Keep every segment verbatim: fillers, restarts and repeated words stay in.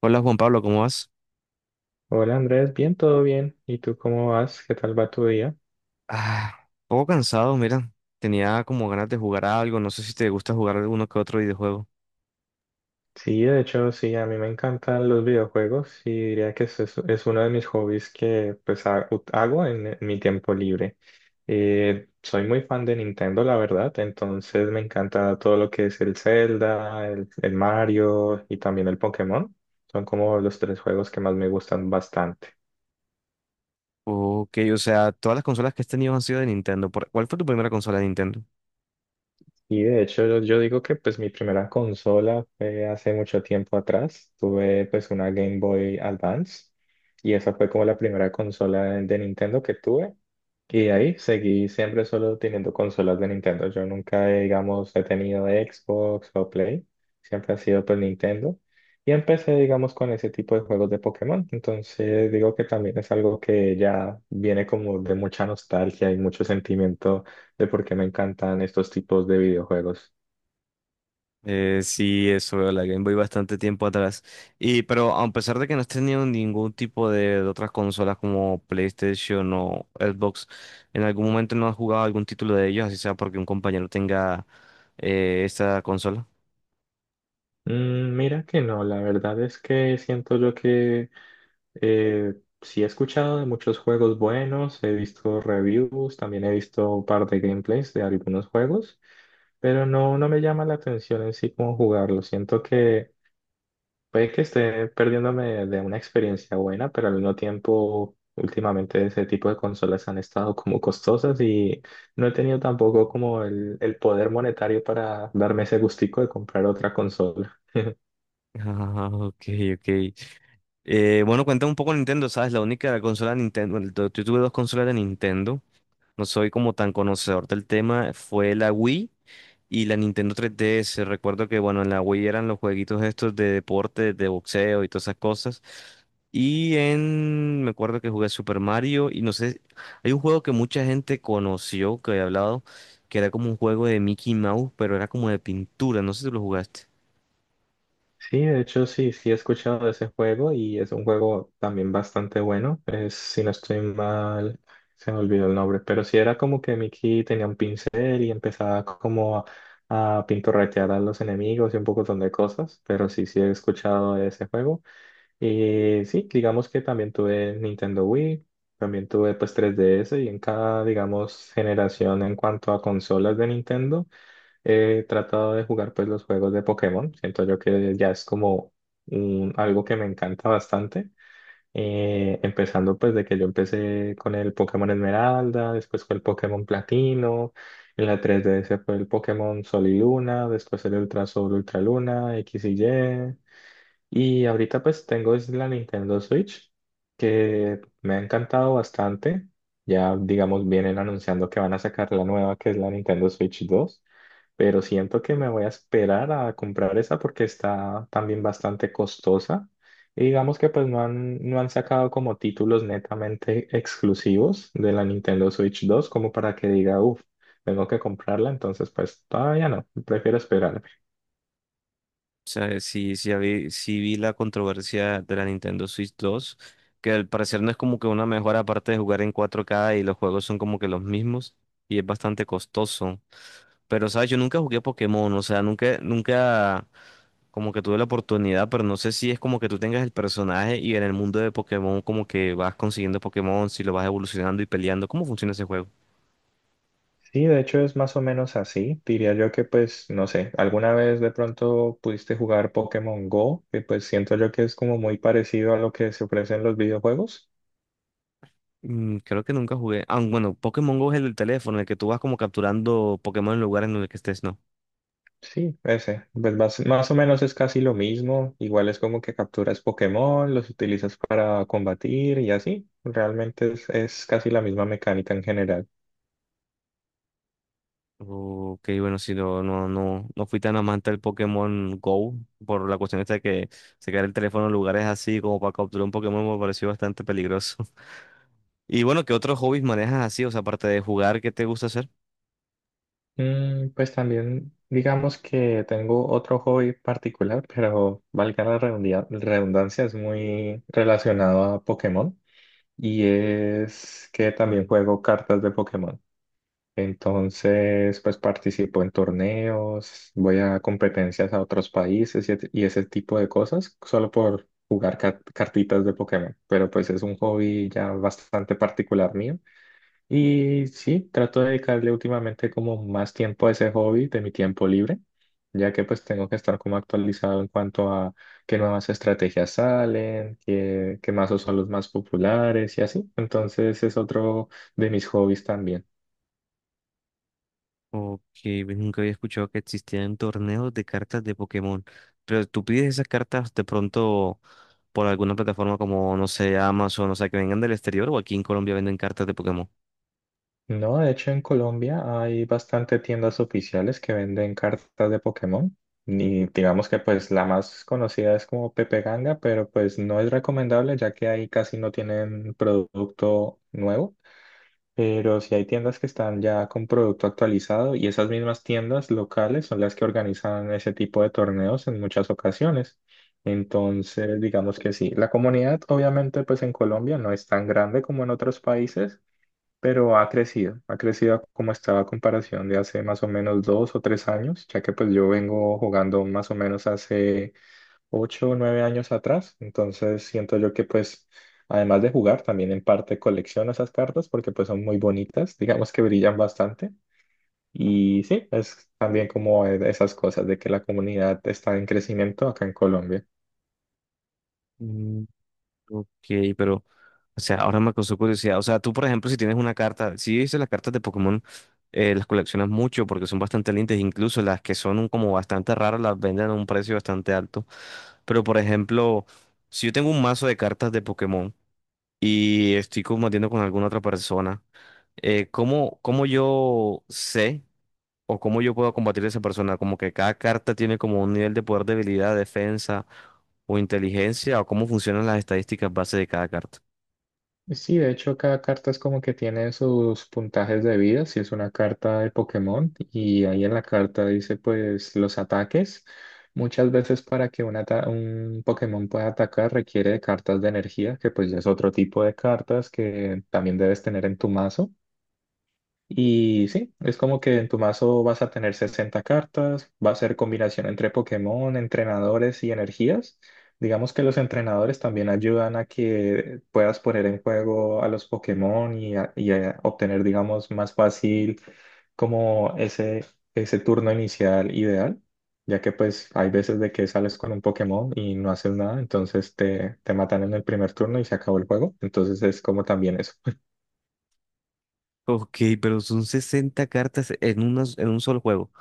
Hola Juan Pablo, ¿cómo vas? Hola Andrés, bien, todo bien. ¿Y tú cómo vas? ¿Qué tal va tu día? Ah, un poco cansado, mira. Tenía como ganas de jugar a algo. No sé si te gusta jugar alguno que otro videojuego. Sí, de hecho, sí, a mí me encantan los videojuegos y diría que es, es, es uno de mis hobbies que pues ha- ut- hago en, en mi tiempo libre. Eh, soy muy fan de Nintendo, la verdad, entonces me encanta todo lo que es el Zelda, el, el Mario y también el Pokémon. Son como los tres juegos que más me gustan bastante. Ok, o sea, todas las consolas que has tenido han sido de Nintendo. ¿Por- ¿Cuál fue tu primera consola de Nintendo? Y de hecho yo, yo digo que pues mi primera consola fue hace mucho tiempo atrás. Tuve pues una Game Boy Advance y esa fue como la primera consola de, de Nintendo que tuve. Y de ahí seguí siempre solo teniendo consolas de Nintendo. Yo nunca, eh, digamos, he tenido Xbox o Play. Siempre ha sido pues Nintendo. Y empecé, digamos, con ese tipo de juegos de Pokémon. Entonces digo que también es algo que ya viene como de mucha nostalgia y mucho sentimiento de por qué me encantan estos tipos de videojuegos. Eh, sí, eso, la Game Boy bastante tiempo atrás. Y pero a pesar de que no has tenido ningún tipo de, de otras consolas como PlayStation o Xbox, ¿en algún momento no has jugado algún título de ellos, así sea porque un compañero tenga eh, esta consola? Mm, mira que no, la verdad es que siento yo que eh, sí he escuchado de muchos juegos buenos, he visto reviews, también he visto un par de gameplays de algunos juegos, pero no, no me llama la atención en sí cómo jugarlo. Siento que puede que esté perdiéndome de una experiencia buena, pero al mismo tiempo, últimamente ese tipo de consolas han estado como costosas y no he tenido tampoco como el, el poder monetario para darme ese gustico de comprar otra consola. Ah, ok, ok. Eh, bueno, cuéntame un poco Nintendo, ¿sabes? La única consola de Nintendo, bueno, yo yo tuve dos consolas de Nintendo, no soy como tan conocedor del tema, fue la Wii y la Nintendo tres D S. Recuerdo que, bueno, en la Wii eran los jueguitos estos de deporte, de boxeo y todas esas cosas. Y en, me acuerdo que jugué Super Mario y no sé, hay un juego que mucha gente conoció, que había hablado, que era como un juego de Mickey Mouse, pero era como de pintura, no sé si lo jugaste. Sí, de hecho sí, sí he escuchado de ese juego y es un juego también bastante bueno. Es, si no estoy mal, se me olvidó el nombre, pero sí era como que Mickey tenía un pincel y empezaba como a, a pintorretear a los enemigos y un montón de cosas, pero sí, sí he escuchado de ese juego. Y sí, digamos que también tuve Nintendo Wii, también tuve pues tres D S y en cada, digamos, generación en cuanto a consolas de Nintendo he tratado de jugar pues los juegos de Pokémon. Siento yo que ya es como un- algo que me encanta bastante. Eh, empezando pues de que yo empecé con el Pokémon Esmeralda, después con el Pokémon Platino, en la tres D S fue el Pokémon Sol y Luna, después el Ultra Sol, Ultra Luna, X y Y. Y ahorita pues tengo es la Nintendo Switch, que me ha encantado bastante. Ya digamos vienen anunciando que van a sacar la nueva que es la Nintendo Switch dos, pero siento que me voy a esperar a comprar esa porque está también bastante costosa. Y digamos que pues no han, no han sacado como títulos netamente exclusivos de la Nintendo Switch dos como para que diga, uff, tengo que comprarla, entonces pues todavía no, prefiero esperarme. O sea, sí, sí, habí- sí vi la controversia de la Nintendo Switch dos, que al parecer no es como que una mejora aparte de jugar en cuatro k y los juegos son como que los mismos y es bastante costoso. Pero, ¿sabes? Yo nunca jugué Pokémon, o sea, nunca, nunca como que tuve la oportunidad, pero no sé si es como que tú tengas el personaje y en el mundo de Pokémon como que vas consiguiendo Pokémon, si lo vas evolucionando y peleando. ¿Cómo funciona ese juego? Sí, de hecho es más o menos así. Diría yo que pues, no sé, alguna vez de pronto pudiste jugar Pokémon Go, que pues siento yo que es como muy parecido a lo que se ofrece en los videojuegos. Mm, creo que nunca jugué. Ah, bueno, Pokémon Go es el del teléfono, el que tú vas como capturando Pokémon en lugares en el que estés, ¿no? Sí, ese. Pues más, más o menos es casi lo mismo. Igual es como que capturas Pokémon, los utilizas para combatir y así. Realmente es, es casi la misma mecánica en general. Ok, bueno, si no, no, no, no fui tan amante del Pokémon Go por la cuestión esta de que sacar el teléfono en lugares así como para capturar un Pokémon me pareció bastante peligroso. Y bueno, ¿qué otros hobbies manejas así? O sea, aparte de jugar, ¿qué te gusta hacer? Mm, pues también digamos que tengo otro hobby particular, pero valga la redundia- redundancia, es muy relacionado a Pokémon. Y es que también juego cartas de Pokémon. Entonces, pues participo en torneos, voy a competencias a otros países y, et- y ese tipo de cosas, solo por jugar car- cartitas de Pokémon. Pero pues es un hobby ya bastante particular mío. Y sí, trato de dedicarle últimamente como más tiempo a ese hobby de mi tiempo libre, ya que pues tengo que estar como actualizado en cuanto a qué nuevas estrategias salen, qué, qué mazos son los más populares y así. Entonces es otro de mis hobbies también. Ok, pues nunca había escuchado que existían torneos de cartas de Pokémon. Pero tú pides esas cartas de pronto por alguna plataforma como, no sé, Amazon, o sea, que vengan del exterior o aquí en Colombia venden cartas de Pokémon. No, de hecho en Colombia hay bastante tiendas oficiales que venden cartas de Pokémon. Y digamos que pues la más conocida es como Pepe Ganga, pero pues no es recomendable ya que ahí casi no tienen producto nuevo. Pero sí hay tiendas que están ya con producto actualizado y esas mismas tiendas locales son las que organizan ese tipo de torneos en muchas ocasiones. Entonces, digamos que sí, la comunidad obviamente pues en Colombia no es tan grande como en otros países, pero ha crecido, ha crecido como estaba a comparación de hace más o menos dos o tres años, ya que pues yo vengo jugando más o menos hace ocho o nueve años atrás, entonces siento yo que pues además de jugar también en parte colecciono esas cartas porque pues son muy bonitas, digamos que brillan bastante y sí, es también como e, esas cosas de que la comunidad está en crecimiento acá en Colombia. Ok, pero, o sea, ahora me causó curiosidad. O sea, tú, por ejemplo, si tienes una carta, si dices las cartas de Pokémon, eh, las coleccionas mucho porque son bastante lindas, incluso las que son un- como bastante raras las venden a un precio bastante alto. Pero, por ejemplo, si yo tengo un mazo de cartas de Pokémon y estoy combatiendo con alguna otra persona, eh, ¿cómo, cómo yo sé o cómo yo puedo combatir a esa persona? Como que cada carta tiene como un nivel de poder, debilidad, defensa o inteligencia, o cómo funcionan las estadísticas base de cada carta. Sí, de hecho cada carta es como que tiene sus puntajes de vida, si es una carta de Pokémon y ahí en la carta dice pues los ataques. Muchas veces para que un, ata- un Pokémon pueda atacar requiere de cartas de energía, que pues ya es otro tipo de cartas que también debes tener en tu mazo. Y sí, es como que en tu mazo vas a tener sesenta cartas, va a ser combinación entre Pokémon, entrenadores y energías. Digamos que los entrenadores también ayudan a que puedas poner en juego a los Pokémon y, a- y a obtener, digamos, más fácil como ese, ese turno inicial ideal, ya que pues hay veces de que sales con un Pokémon y no haces nada, entonces te, te matan en el primer turno y se acabó el juego. Entonces es como también eso. Ok, pero son sesenta cartas en, una, en un solo juego.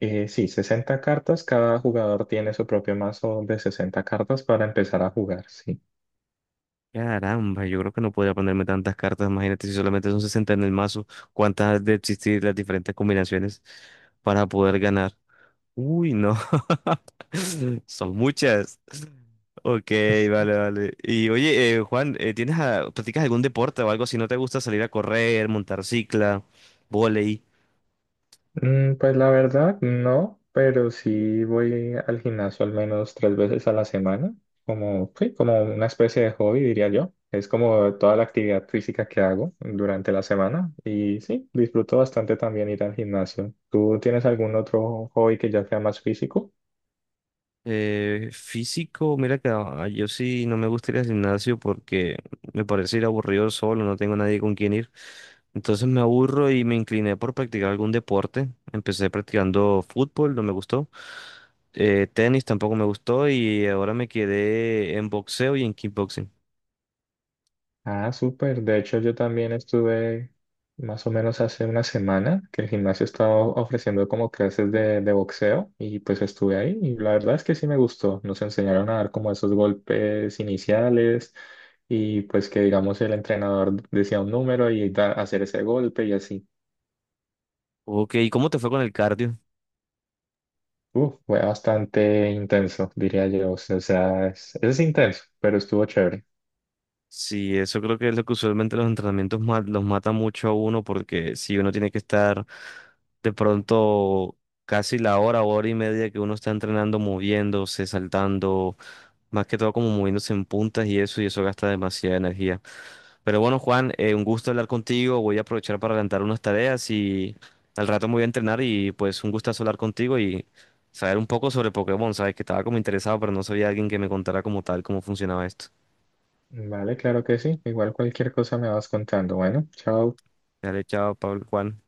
Eh, sí, sesenta cartas. Cada jugador tiene su propio mazo de sesenta cartas para empezar a jugar, sí. Caramba, yo creo que no podía ponerme tantas cartas. Imagínate si solamente son sesenta en el mazo, cuántas han de existir las diferentes combinaciones para poder ganar. Uy, no. Son muchas. Ok, vale, vale. Y oye, eh, Juan, eh, ¿tienes a- practicas algún deporte o algo? Si no te gusta salir a correr, montar cicla, volei. Mm, pues la verdad, no, pero sí voy al gimnasio al menos tres veces a la semana, como, sí, como una especie de hobby, diría yo. Es como toda la actividad física que hago durante la semana y sí, disfruto bastante también ir al gimnasio. ¿Tú tienes algún otro hobby que ya sea más físico? Eh, físico, mira que ah, yo sí no me gusta ir al gimnasio porque me parece ir aburrido solo, no tengo nadie con quien ir. Entonces me aburro y me incliné por practicar algún deporte. Empecé practicando fútbol, no me gustó. Eh, tenis tampoco me gustó y ahora me quedé en boxeo y en kickboxing. Ah, súper. De hecho, yo también estuve más o menos hace una semana que el gimnasio estaba ofreciendo como clases de, de boxeo y pues estuve ahí y la verdad es que sí me gustó. Nos enseñaron a dar como esos golpes iniciales y pues que digamos el entrenador decía un número y da- hacer ese golpe y así. Ok, ¿y cómo te fue con el cardio? Uf, fue bastante intenso, diría yo. O sea, es, es intenso, pero estuvo chévere. Sí, eso creo que es lo que usualmente los entrenamientos ma- los mata mucho a uno porque si uno tiene que estar de pronto casi la hora, hora y media que uno está entrenando, moviéndose, saltando, más que todo como moviéndose en puntas y eso, y eso gasta demasiada energía. Pero bueno, Juan, eh, un gusto hablar contigo, voy a aprovechar para adelantar unas tareas y al rato me voy a entrenar y pues un gustazo hablar contigo y saber un poco sobre Pokémon, sabes que estaba como interesado, pero no sabía alguien que me contara como tal cómo funcionaba esto. Vale, claro que sí. Igual cualquier cosa me vas contando. Bueno, chao. Dale, chao, Pablo, Juan.